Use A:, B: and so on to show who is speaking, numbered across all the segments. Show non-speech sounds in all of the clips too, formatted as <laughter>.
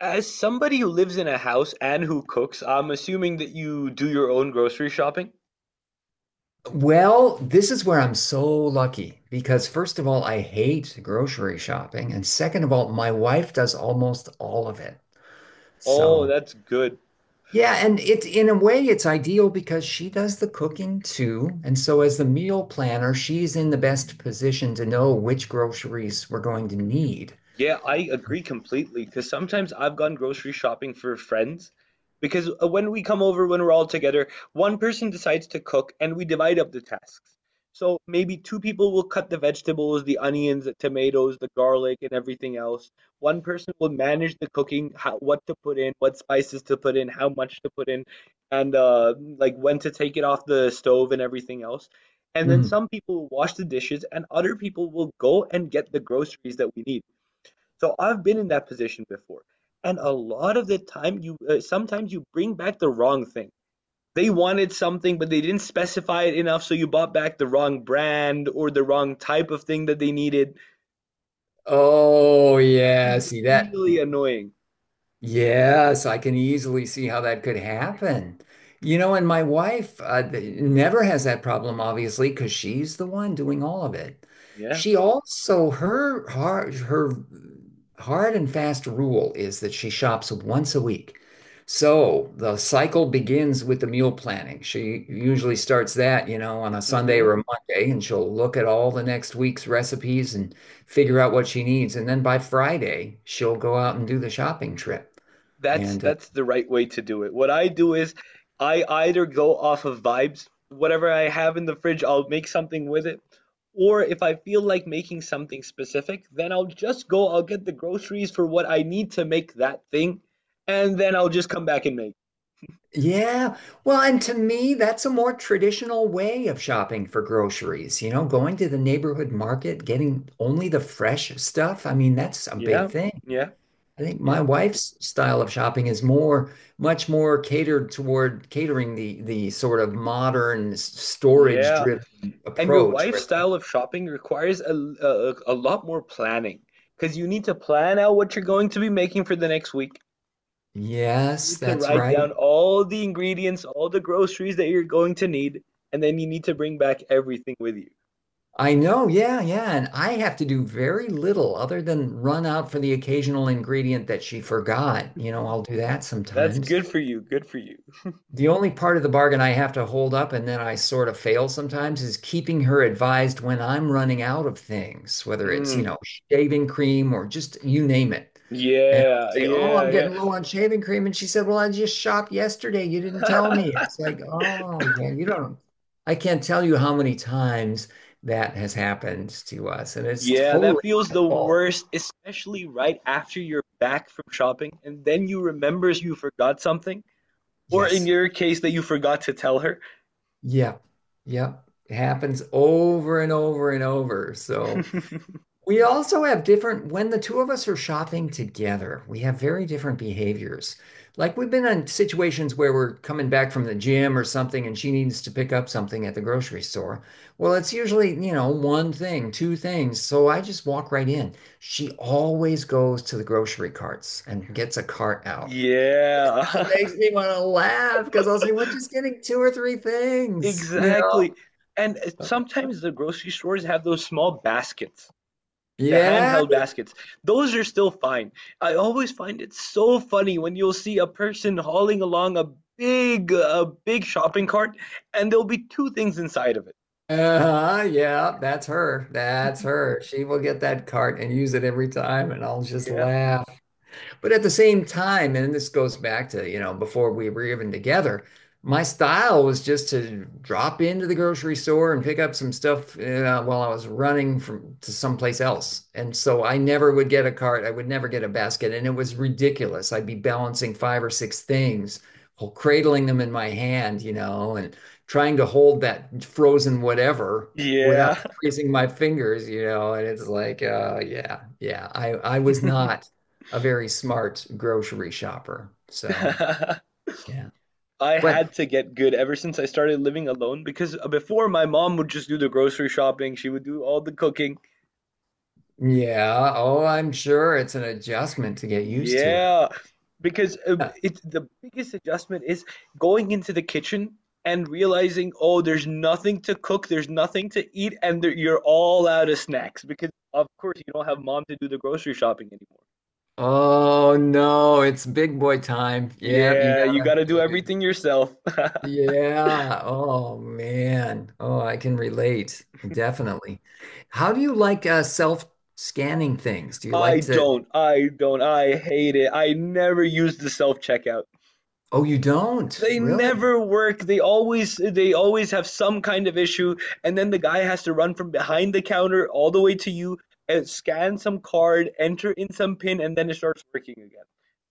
A: As somebody who lives in a house and who cooks, I'm assuming that you do your own grocery shopping?
B: Well, this is where I'm so lucky because, first of all, I hate grocery shopping. And second of all, my wife does almost all of it.
A: Oh,
B: So,
A: that's good.
B: yeah. And it's in a way, it's ideal because she does the cooking too. And so, as the meal planner, she's in the best position to know which groceries we're going to need.
A: Yeah, I agree completely because sometimes I've gone grocery shopping for friends because when we come over, when we're all together, one person decides to cook and we divide up the tasks. So maybe two people will cut the vegetables, the onions, the tomatoes, the garlic, and everything else. One person will manage the cooking, how, what to put in, what spices to put in, how much to put in, and like when to take it off the stove and everything else. And then
B: Mhm.
A: some people will wash the dishes, and other people will go and get the groceries that we need. So I've been in that position before. And a lot of the time, you sometimes you bring back the wrong thing. They wanted something, but they didn't specify it enough, so you bought back the wrong brand or the wrong type of thing that they needed.
B: Oh,
A: That can
B: yeah.
A: be
B: See that?
A: really annoying.
B: Yes, I can easily see how that could happen. You know, and my wife never has that problem, obviously, because she's the one doing all of it.
A: Yeah.
B: She also, her hard and fast rule is that she shops once a week. So the cycle begins with the meal planning. She usually starts that, you know, on a Sunday
A: Hmm.
B: or a Monday, and she'll look at all the next week's recipes and figure out what she needs. And then by Friday, she'll go out and do the shopping trip.
A: That's
B: And
A: that's the right way to do it. What I do is I either go off of vibes, whatever I have in the fridge, I'll make something with it. Or if I feel like making something specific, then I'll get the groceries for what I need to make that thing, and then I'll just come back and make.
B: yeah, well, and to me, that's a more traditional way of shopping for groceries, you know, going to the neighborhood market, getting only the fresh stuff. I mean, that's a big
A: Yeah,
B: thing.
A: yeah,
B: I think my
A: yeah,
B: wife's style of shopping is more, much more catered toward catering the sort of modern storage
A: yeah.
B: driven
A: And your
B: approach where
A: wife's
B: things,
A: style of shopping requires a lot more planning because you need to plan out what you're going to be making for the next week. You
B: yes,
A: need to
B: that's
A: write down
B: right.
A: all the ingredients, all the groceries that you're going to need, and then you need to bring back everything with you.
B: I know, yeah, yeah. And I have to do very little other than run out for the occasional ingredient that she forgot. You know, I'll do that
A: That's
B: sometimes.
A: good for you. Good for you.
B: The only part of the bargain I have to hold up and then I sort of fail sometimes is keeping her advised when I'm running out of things, whether it's, you
A: Mm,
B: know, shaving cream or just you name it. And I'll
A: yeah,
B: say, "Oh, I'm
A: yeah,
B: getting low on shaving cream." And she said, "Well, I just shopped yesterday. You didn't tell
A: yeah.
B: me."
A: <laughs>
B: It's like, "Oh, yeah, you don't." I can't tell you how many times that has happened to us. And it's
A: Yeah, that
B: totally
A: feels
B: my
A: the
B: fault.
A: worst, especially right after you're back from shopping and then you remember you forgot something, or in
B: Yes.
A: your case, that you forgot to tell her.
B: Yep. Yep. It happens over and over and over. So,
A: <laughs>
B: we also have different, when the two of us are shopping together, we have very different behaviors. Like we've been in situations where we're coming back from the gym or something and she needs to pick up something at the grocery store. Well, it's usually, you know, one thing, two things. So I just walk right in. She always goes to the grocery carts and gets a cart out.
A: Yeah,
B: It makes me want to laugh because I'll say, we're just getting two or three
A: <laughs>
B: things, you
A: exactly. And
B: know?
A: sometimes the grocery stores have those small baskets. The
B: Yeah.
A: handheld baskets, those are still fine. I always find it so funny when you'll see a person hauling along a big shopping cart, and there'll be two things inside of it.
B: Uh-huh, yeah, that's her. That's her. She will get that cart and use it every time, and I'll just
A: Yeah,
B: laugh. But at the same time, and this goes back to, you know, before we were even together, my style was just to drop into the grocery store and pick up some stuff while I was running from to someplace else. And so I never would get a cart. I would never get a basket. And it was ridiculous. I'd be balancing five or six things, while cradling them in my hand, you know, and trying to hold that frozen whatever
A: yeah.
B: without freezing my fingers, you know. And it's like, yeah, yeah, I was not a very smart grocery shopper. So,
A: <laughs>
B: yeah.
A: I
B: But
A: had to get good ever since I started living alone because before, my mom would just do the grocery shopping, she would do all the cooking.
B: yeah, oh, I'm sure it's an adjustment to get used to it.
A: Yeah, because
B: Uh,
A: it's the biggest adjustment is going into the kitchen and realizing, oh, there's nothing to cook, there's nothing to eat, and there, you're all out of snacks because, of course, you don't have mom to do the grocery shopping anymore.
B: Oh no, it's big boy time. Yeah, you
A: Yeah, you got
B: gotta,
A: to do everything yourself. <laughs>
B: yeah. Oh man. Oh, I can relate. Definitely. How do you like self-scanning things? Do you like to?
A: I hate it. I never use the self-checkout.
B: Oh, you don't?
A: They
B: Really?
A: never work. They always have some kind of issue, and then the guy has to run from behind the counter all the way to you and scan some card, enter in some pin, and then it starts working again.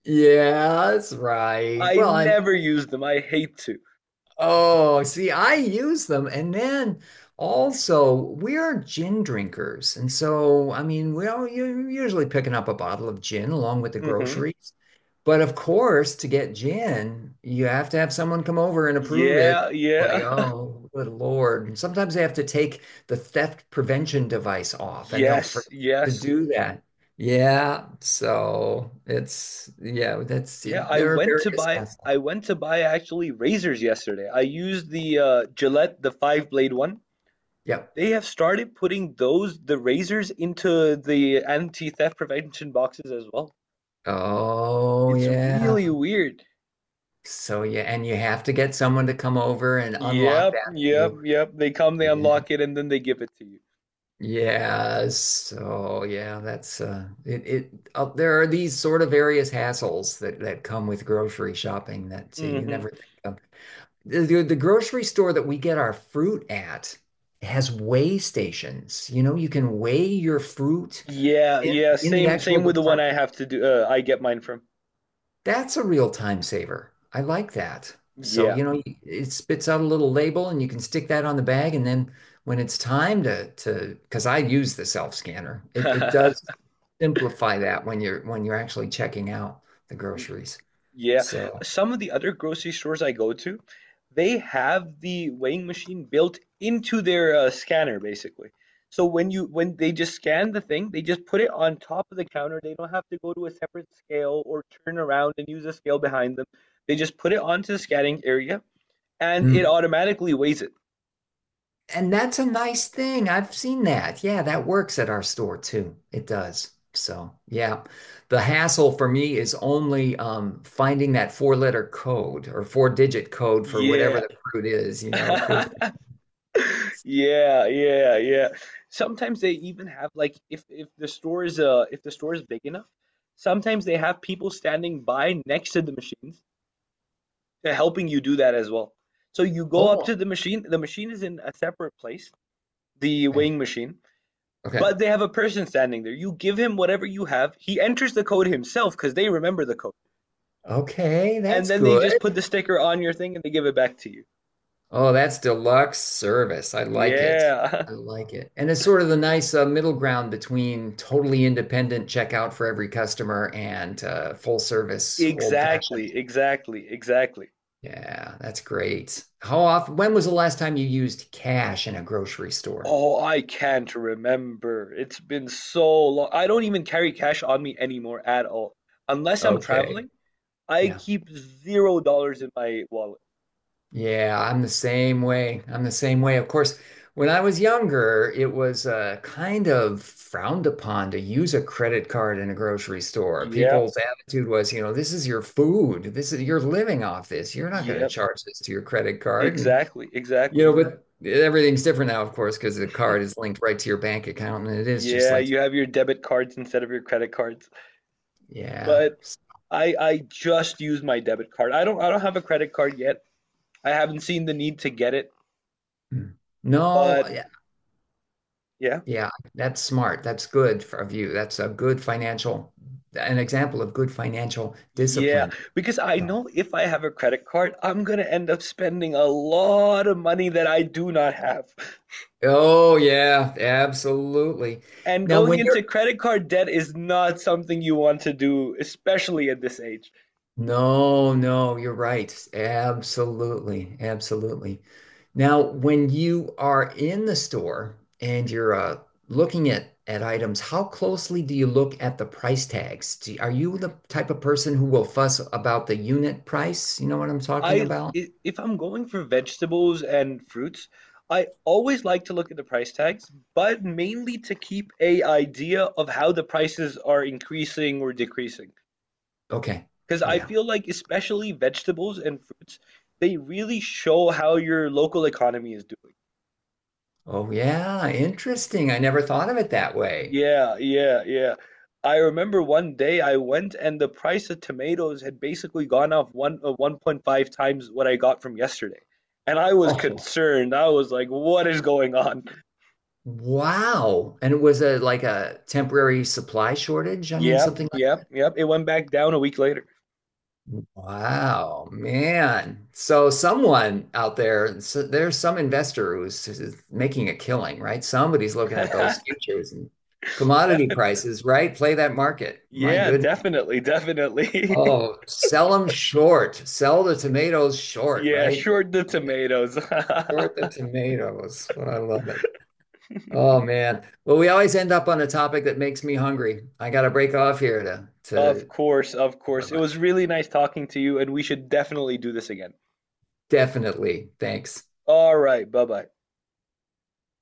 B: Yeah, that's right.
A: I
B: Well, I—
A: never use them. I hate to.
B: oh, see, I use them. And then also, we're gin drinkers. And so, I mean, well, you're usually picking up a bottle of gin along with the
A: Mm hmm
B: groceries. But of course, to get gin, you have to have someone come over and approve it.
A: Yeah,
B: Like,
A: yeah. <laughs>
B: oh, good Lord. And sometimes they have to take the theft prevention device off and they'll
A: Yes,
B: forget to
A: yes.
B: do that. Yeah. So it's, yeah, that's,
A: Yeah,
B: there are various hassles.
A: I went to buy actually razors yesterday. I used the Gillette, the five blade one.
B: Yep.
A: They have started putting those the razors into the anti-theft prevention boxes as well.
B: Oh
A: It's
B: yeah.
A: really weird.
B: So yeah, and you have to get someone to come over and unlock
A: Yep,
B: that for
A: yep,
B: you.
A: yep. They come, they
B: Yeah.
A: unlock it, and then they give it to you.
B: Yeah. So yeah, that's it it there are these sort of various hassles that that come with grocery shopping that you
A: Hmm.
B: never think of. The grocery store that we get our fruit at has weigh stations. You know, you can weigh your fruit
A: Yeah,
B: in
A: yeah.
B: in the
A: Same,
B: actual
A: same with the one I
B: department.
A: have to do. I get mine from.
B: That's a real time saver. I like that. So,
A: Yeah.
B: you know, it spits out a little label and you can stick that on the bag. And then when it's time to, because I use the self scanner, it does
A: <laughs>
B: simplify that when you're actually checking out the groceries.
A: Yeah,
B: So,
A: some of the other grocery stores I go to, they have the weighing machine built into their scanner basically. So when they just scan the thing, they just put it on top of the counter. They don't have to go to a separate scale or turn around and use a scale behind them. They just put it onto the scanning area and it
B: mm.
A: automatically weighs it.
B: And that's a nice thing. I've seen that. Yeah, that works at our store too. It does. So, yeah. The hassle for me is only finding that four-letter code or four-digit code for whatever
A: Yeah.
B: the fruit is, you know, put it.
A: <laughs> Yeah, yeah, yeah. Sometimes they even have, like, if the store is if the store is big enough, sometimes they have people standing by next to the machines to helping you do that as well. So you go up to
B: Oh,
A: the machine is in a separate place, the
B: okay.
A: weighing machine,
B: Okay.
A: but they have a person standing there. You give him whatever you have, he enters the code himself because they remember the code.
B: Okay,
A: And
B: that's
A: then they just put
B: good.
A: the sticker on your thing and they give it back to you.
B: Oh, that's deluxe service. I like it.
A: Yeah.
B: I
A: <laughs>
B: like it. And it's sort of the nice middle ground between totally independent checkout for every customer and full service old fashioned.
A: Exactly, exactly, exactly.
B: Yeah, that's great. How often, when was the last time you used cash in a grocery store?
A: Oh, I can't remember. It's been so long. I don't even carry cash on me anymore at all. Unless I'm
B: Okay.
A: traveling, I
B: Yeah.
A: keep $0 in my wallet.
B: Yeah, I'm the same way. I'm the same way. Of course, when I was younger, it was kind of frowned upon to use a credit card in a grocery store.
A: Yeah,
B: People's attitude was, you know, this is your food. This is you're living off this. You're not going to
A: yeah,
B: charge this to your credit card. And
A: exactly,
B: you
A: exactly.
B: know, but everything's different now, of course, because the card is linked right to your bank account, and it is just
A: Yeah,
B: like,
A: you have your debit cards instead of your credit cards.
B: yeah.
A: But I just use my debit card. I don't have a credit card yet. I haven't seen the need to get it,
B: Mm. No,
A: but
B: yeah,
A: yeah.
B: yeah, that's smart. That's good for- of you. That's a good financial, an example of good financial
A: Yeah,
B: discipline.
A: because I
B: So—
A: know if I have a credit card, I'm gonna end up spending a lot of money that I do not have.
B: oh yeah, absolutely.
A: And
B: Now,
A: going
B: when you're—
A: into credit card debt is not something you want to do, especially at this age.
B: no, no, you're right. Absolutely. Absolutely. Now, when you are in the store and you're looking at items, how closely do you look at the price tags? Do, are you the type of person who will fuss about the unit price? You know what I'm talking
A: I,
B: about?
A: if I'm going for vegetables and fruits, I always like to look at the price tags, but mainly to keep a idea of how the prices are increasing or decreasing.
B: Okay.
A: Because I
B: Yeah.
A: feel like, especially vegetables and fruits, they really show how your local economy is doing.
B: Oh, yeah. Interesting. I never thought of it that way.
A: Yeah, yeah, yeah. I remember one day I went and the price of tomatoes had basically gone off one 1.5 times what I got from yesterday. And I was
B: Oh,
A: concerned. I was like, what is going on?
B: wow. And it was a like a temporary supply shortage. I mean,
A: Yep,
B: something—
A: yep, yep. It went back down a week later.
B: wow, man. So someone out there, so there's some investor who's, who's making a killing, right? Somebody's looking at those
A: <laughs>
B: futures and commodity
A: Definitely.
B: prices, right? Play that market. My
A: Yeah,
B: goodness.
A: definitely, definitely. <laughs>
B: Oh, sell them short. Sell the tomatoes short,
A: Yeah,
B: right?
A: short the tomatoes.
B: Short the
A: <laughs>
B: tomatoes. I love it. Oh man. Well, we always end up on a topic that makes me hungry. I got to break off here to
A: Of
B: thank
A: course, of
B: you very
A: course. It was
B: much.
A: really nice talking to you, and we should definitely do this again.
B: Definitely. Thanks.
A: All right, bye bye.